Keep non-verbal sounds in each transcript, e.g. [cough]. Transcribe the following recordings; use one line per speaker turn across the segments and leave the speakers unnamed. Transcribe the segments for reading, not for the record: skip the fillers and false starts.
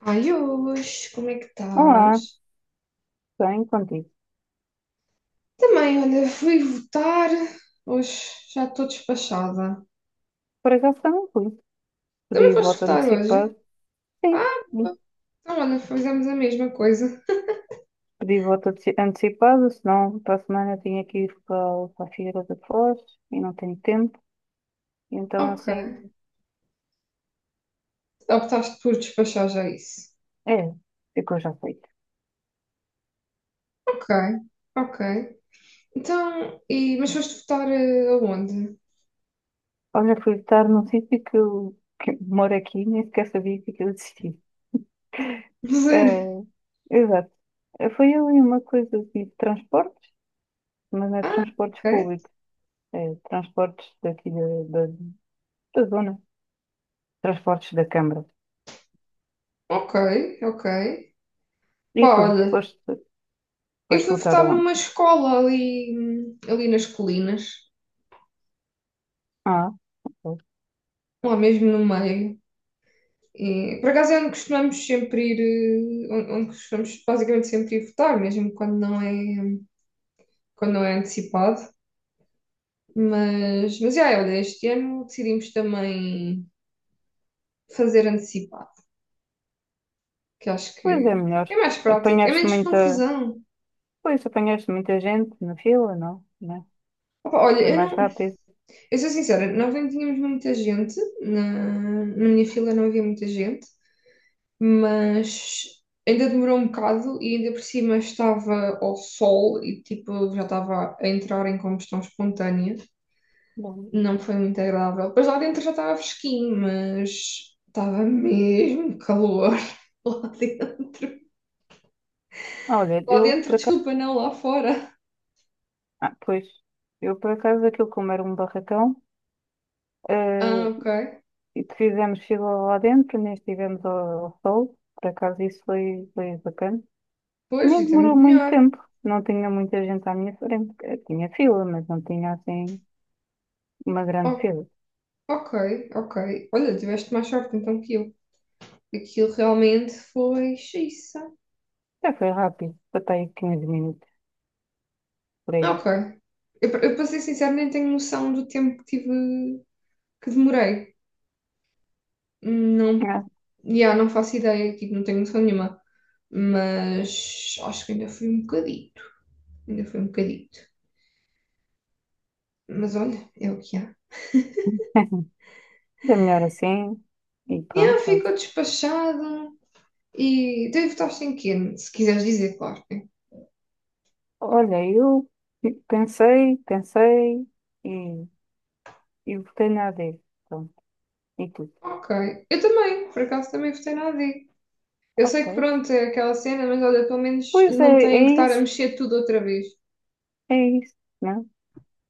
Ai, hoje, como é que
Olá,
estás?
bem contigo.
Também, olha, fui votar. Hoje já estou despachada.
Por acaso também fui.
Também
Pedi
foste
voto
votar hoje?
antecipado. Sim,
Ah, boa. Então, olha, fizemos a mesma coisa.
pedi antecipado, senão para a semana eu tinha que ir para a Figueira da Foz e não tenho tempo. Então
Ok.
assim,
Optaste por despachar já isso.
é, ficou já feito.
Ok, ok. Então, e, mas foste votar aonde?
Olha, fui votar num sítio que moro aqui, nem sequer sabia que aquilo existia.
[laughs]
É,
Sério?
exato. Foi ali uma coisa assim de transportes, mas não é
Ah,
transportes
ok.
públicos, é transportes daqui da zona, transportes da Câmara.
Ok, ok.
E
Pá,
tu?
olha,
Foste,
eu
foste
fui
votar
votar
aonde?
numa escola ali, ali nas colinas,
Ah, pois.
lá mesmo no meio. E, por acaso é onde costumamos sempre ir, onde, onde costumamos basicamente sempre ir votar, mesmo quando não é antecipado. Mas yeah, olha, este ano decidimos também fazer antecipado, que acho
Pois é
que
melhor.
é mais prático, é
Apanhaste
menos
muita.
confusão.
Pois, apanhaste muita gente na fila, não? Né?
Opa, olha,
Foi
eu
mais
não,
rápido.
eu sou sincera, nós nem tínhamos muita gente, na, na minha fila não havia muita gente, mas ainda demorou um bocado e ainda por cima estava ao sol e tipo já estava a entrar em combustão espontânea.
Bom.
Não foi muito agradável. Depois lá dentro já estava fresquinho, mas estava mesmo calor [laughs] lá dentro.
Ah, olha,
Lá
eu
dentro,
por acaso.
desculpa, não, lá fora.
Ah, pois. Eu por acaso, aquilo como era um barracão,
Ah, ok.
eh, e fizemos fila lá dentro, nem estivemos ao sol. Por acaso, foi bacana.
Pois,
Nem
isso é
demorou
muito
muito
melhor.
tempo. Não tinha muita gente à minha frente. Tinha fila, mas não tinha assim uma grande
O-
fila.
ok, ok. Olha, tiveste mais sorte então que eu. Aquilo realmente foi xiça.
Já foi rápido. Até aí 15 minutos. Por aí.
Ok. Eu, para ser sincero, nem tenho noção do tempo que tive, que demorei. Não,
É.
yeah, não faço ideia, tipo, não tenho noção nenhuma. Mas acho que ainda foi um bocadito. Ainda foi um bocadito. Mas olha, é o que há.
[laughs] É melhor assim. E
Yeah,
pronto, pode.
ficou despachado. E então, e votaste em quê? Se quiseres dizer, claro. Né?
Olha, eu pensei e, e votei na AD. Pronto, e tudo.
Ok. Eu também, por acaso também votei na AD. Eu sei
Ok.
que pronto, é aquela cena, mas olha, pelo menos
Pois
não
é, é
têm que estar a
isso,
mexer tudo outra vez.
é isso, não?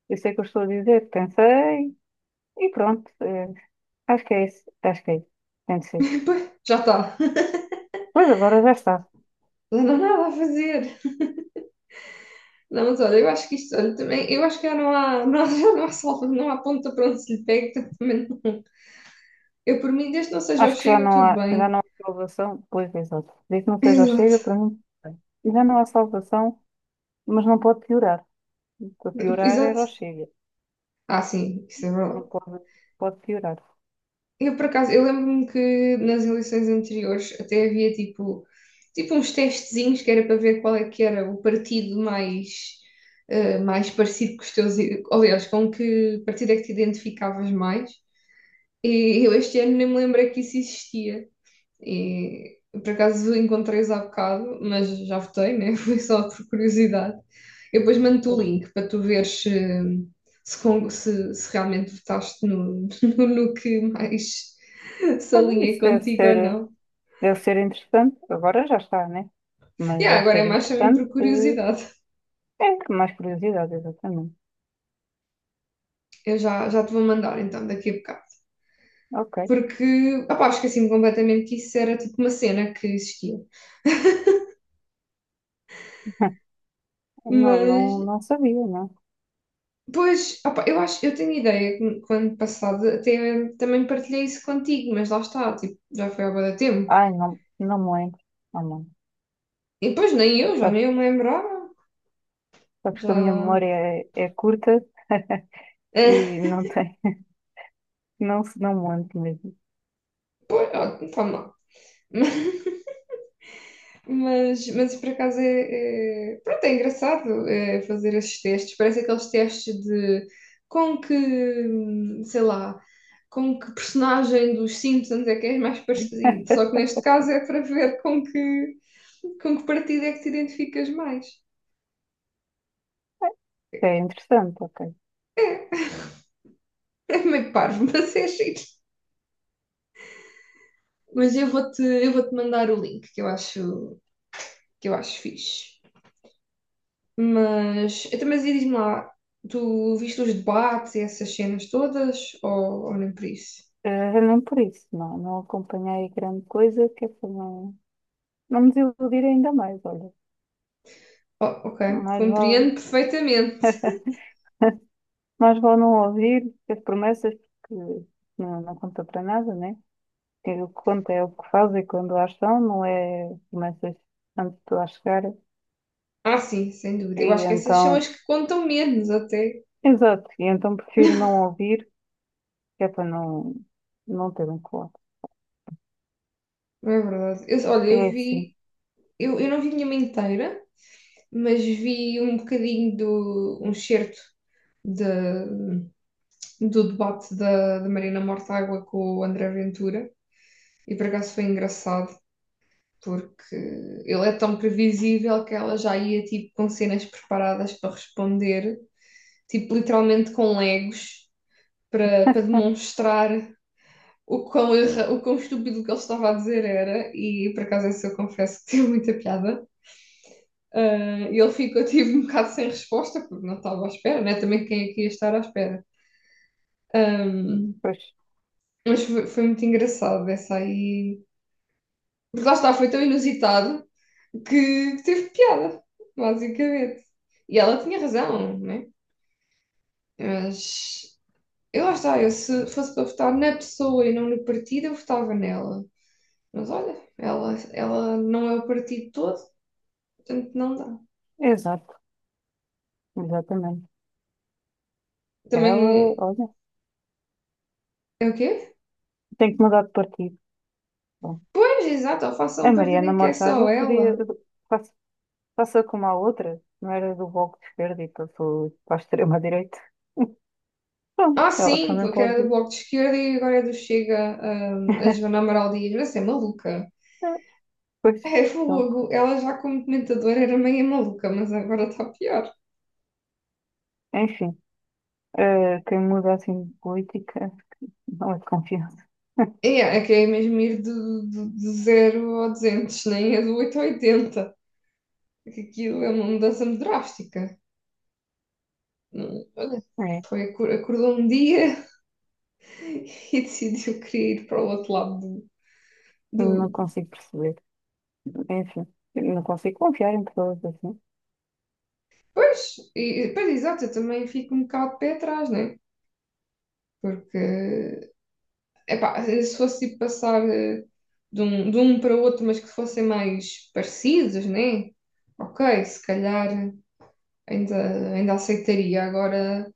Eu sei o que eu estou a dizer, pensei e pronto. É, acho que é isso. Tem de ser.
[laughs] Pois, já está. Já
Pois agora já está.
Não há nada a fazer. Não, mas olha, eu acho que isto, olha, também, eu acho que já não há, não, [laughs] já não há salva, não há ponta para onde se lhe pegue, portanto, também eu, por mim, desde que não seja o
Acho que
Chega, tudo
já
bem.
não há salvação. Pois, exato. Desde que não
[laughs]
seja o
Exato,
Chega, para mim, bem. Já não há salvação, mas não pode piorar. Para piorar
exato.
era o Chega.
Ah, sim, isso é
Não
verdade.
pode, pode piorar.
Eu, por acaso, eu lembro-me que nas eleições anteriores até havia, tipo, tipo uns testezinhos que era para ver qual é que era o partido mais, mais parecido com os teus... Aliás, com que partido é que te identificavas mais. E eu este ano nem me lembrei que isso existia. E por acaso encontrei-os há bocado, mas já votei, né? [laughs] Foi só por curiosidade. Eu depois mando-te o
Pois.
link para tu veres se, se, se realmente votaste no, [laughs] no, no que mais se
Olha,
alinha contigo ou não.
deve ser interessante. Agora já está, né?
E
Mas
ah,
deve
agora
ser
é mais também
interessante.
por curiosidade.
É, mais curiosidade, exatamente.
Eu já, já te vou mandar então daqui a bocado.
Ok.
Porque, opá, esqueci-me completamente que isso era tipo uma cena que existia.
[laughs] Não, não,
Mas
não sabia, não.
pois, opa, eu acho, eu tenho ideia que o ano passado até também partilhei isso contigo, mas lá está, tipo, já foi há bué de tempo.
Ai, não, não me lembro. Ah, não.
E depois nem eu, já
Sabes,
nem eu
que
me lembrava,
sabes que a minha
já...
memória é curta e
[laughs]
não tem, [laughs] não me lembro mesmo.
Pois, ó, tá mal. [laughs] Mas por acaso é, pronto, é engraçado é, fazer esses testes. Parece aqueles testes de com que, sei lá, com que personagem dos Simpsons é que és mais parecido. Só que neste
[laughs]
caso é para ver com que partido é que te identificas mais.
É interessante, ok.
[laughs] É meio parvo, mas é giro. Mas eu vou-te mandar o link que eu acho fixe. Mas, então, mas e diz-me lá, tu viste os debates e essas cenas todas ou nem por isso?
Não por isso, não, não acompanhei grande coisa, que é para não, não me desiludir ainda mais, olha.
Oh, ok,
Mais vale.
compreendo perfeitamente.
Mais vale não ouvir as promessas, porque não conta para nada, né? Que o que conta é o que faz e quando as são, não é promessas antes de tu lá chegar.
Ah, sim, sem dúvida.
E
Eu acho que essas são as
então,
que contam menos até.
exato, e então prefiro
[laughs]
não ouvir, que é para não, não ter um colado.
Não é verdade. Eu, olha,
É
eu
assim,
vi, eu não vi nenhuma inteira, mas vi um bocadinho do um certo da do debate da, da Marina Mortágua com o André Ventura e por acaso foi engraçado porque ele é tão previsível que ela já ia tipo com cenas preparadas para responder, tipo literalmente com legos para, para demonstrar o quão, erra, o quão estúpido que ele estava a dizer era e por acaso esse eu confesso que [laughs] teve muita piada. Ah, e ele ficou, tive um bocado sem resposta, porque não estava à espera, né? Também quem é que ia estar à espera. Ahm,
pois,
mas foi, foi muito engraçado essa aí. Porque lá está, foi tão inusitado que teve piada, basicamente. E ela tinha razão, né? Mas eu lá está, eu se fosse para votar na pessoa e não no partido, eu votava nela. Mas olha, ela não é o partido todo, portanto não dá.
exato, exatamente. Ela,
Também
olha,
é o quê?
tem que mudar de partido. Bom,
Pois, exato, ou faça um
a
partido
Mariana
em que é só
Mortágua podia,
ela.
passa, passa como a outra, não era do Bloco de Esquerda e passou para a extrema-direita. Pronto,
Ah,
ela
sim,
também
porque era do
pode.
Bloco de Esquerda e agora é do Chega, ah, a Joana Amaral Dias, mas é maluca.
É, pois,
É
então,
fogo. Ela já como comentadora era meio maluca, mas agora está pior.
enfim, quem muda assim de política não é de confiança. [laughs]
É, é que é mesmo ir do, do, do 0 ao 200, nem é do 8 ao 80. É que aquilo é uma mudança muito drástica. Olha,
É,
foi, acordou um dia [laughs] e decidiu que queria ir para o outro lado do...
não
do...
consigo perceber. Enfim, não consigo confiar em pessoas assim.
Pois, e, pois, exato, eu também fico um bocado de pé atrás, né? Porque epá, se fosse tipo, passar de um para o outro, mas que fossem mais parecidos, né? Ok, se calhar ainda, ainda aceitaria. Agora,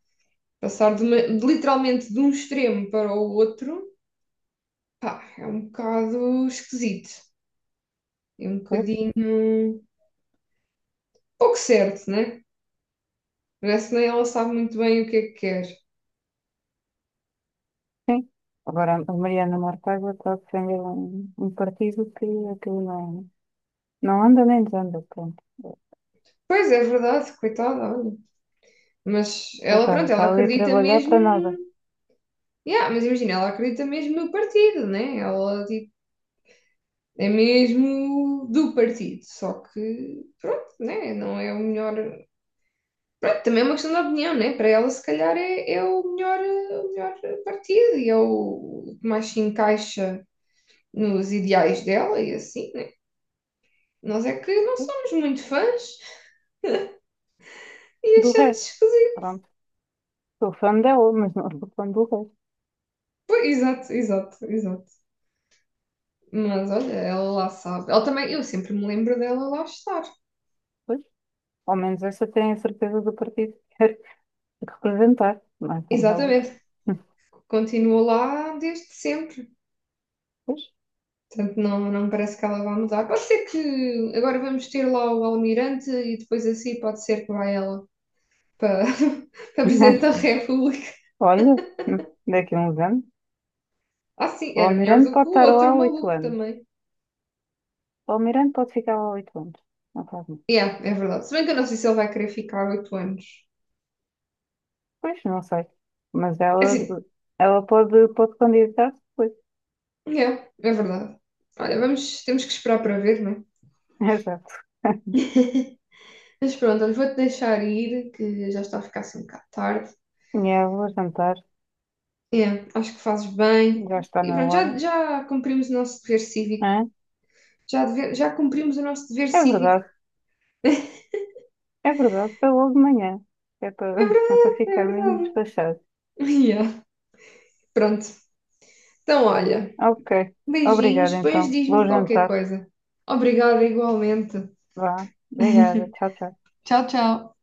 passar de de literalmente de um extremo para o outro, pá, é um bocado esquisito. É um
Pois,
bocadinho pouco certo, né? Parece que nem ela sabe muito bem o que é que quer.
sim. Agora, a Mariana Mortágua está a defender um partido que aquilo não anda nem desanda. Pronto.
Pois é, verdade, coitada, olha. Mas ela,
Coitada,
pronto,
está
ela
ali a
acredita
trabalhar
mesmo.
para nada.
Yeah, mas imagina, ela acredita mesmo no partido, né? Ela, tipo, é mesmo do partido, só que pronto, né? Não é o melhor. Pronto, também é uma questão de opinião, né? Para ela, se calhar, é, é o melhor partido e é o que mais se encaixa nos ideais dela e assim, né? Nós é que não somos muito fãs e
Do
achamos
resto,
esquisito.
pronto. Sou fã dela, mas não sou fã do resto.
Pois, exato, exato, exato. Mas olha, ela lá sabe. Ela também, eu sempre me lembro dela lá estar.
Pois, ao menos essa tem a certeza do partido. Tem que representar, mais uma outra.
Exatamente, continua lá desde sempre.
Pois.
Portanto, não, não me parece que ela vá mudar. Pode ser que agora vamos ter lá o Almirante e depois assim pode ser que vá ela para, [laughs] para Presidente da
[laughs]
República.
Olha, daqui a uns anos.
Ah, sim,
O
era melhor
Almirante
do que
pode
o
estar lá
outro
há oito
maluco
anos.
também.
O Almirante pode ficar lá há oito anos. Não faz mal.
Yeah, é verdade. Se bem que eu não sei se ele vai querer ficar oito anos.
Pois, não sei. Mas
É
ela,
assim,
ela pode candidatar-se depois.
yeah, é verdade. Olha, vamos, temos que esperar para ver, não é?
[laughs] Exato.
[laughs] Mas pronto, olha, vou-te deixar ir, que já está a ficar assim um bocado tarde.
Minha avó jantar.
Yeah, acho que fazes bem.
Já está
E
na
pronto,
hora.
já, já cumprimos o nosso dever cívico.
Hã?
Já, já cumprimos o nosso dever
É
cívico.
verdade. É verdade. É logo de manhã. É
É
para, [laughs] é para
verdade, é
ficar mesmo
verdade.
despachado.
Yeah. Pronto. Então, olha,
Ok.
beijinhos,
Obrigada,
depois
então.
diz-me
Vou
qualquer
jantar.
coisa. Obrigada igualmente.
Vá. Obrigada. Tchau, tchau.
Tchau, tchau.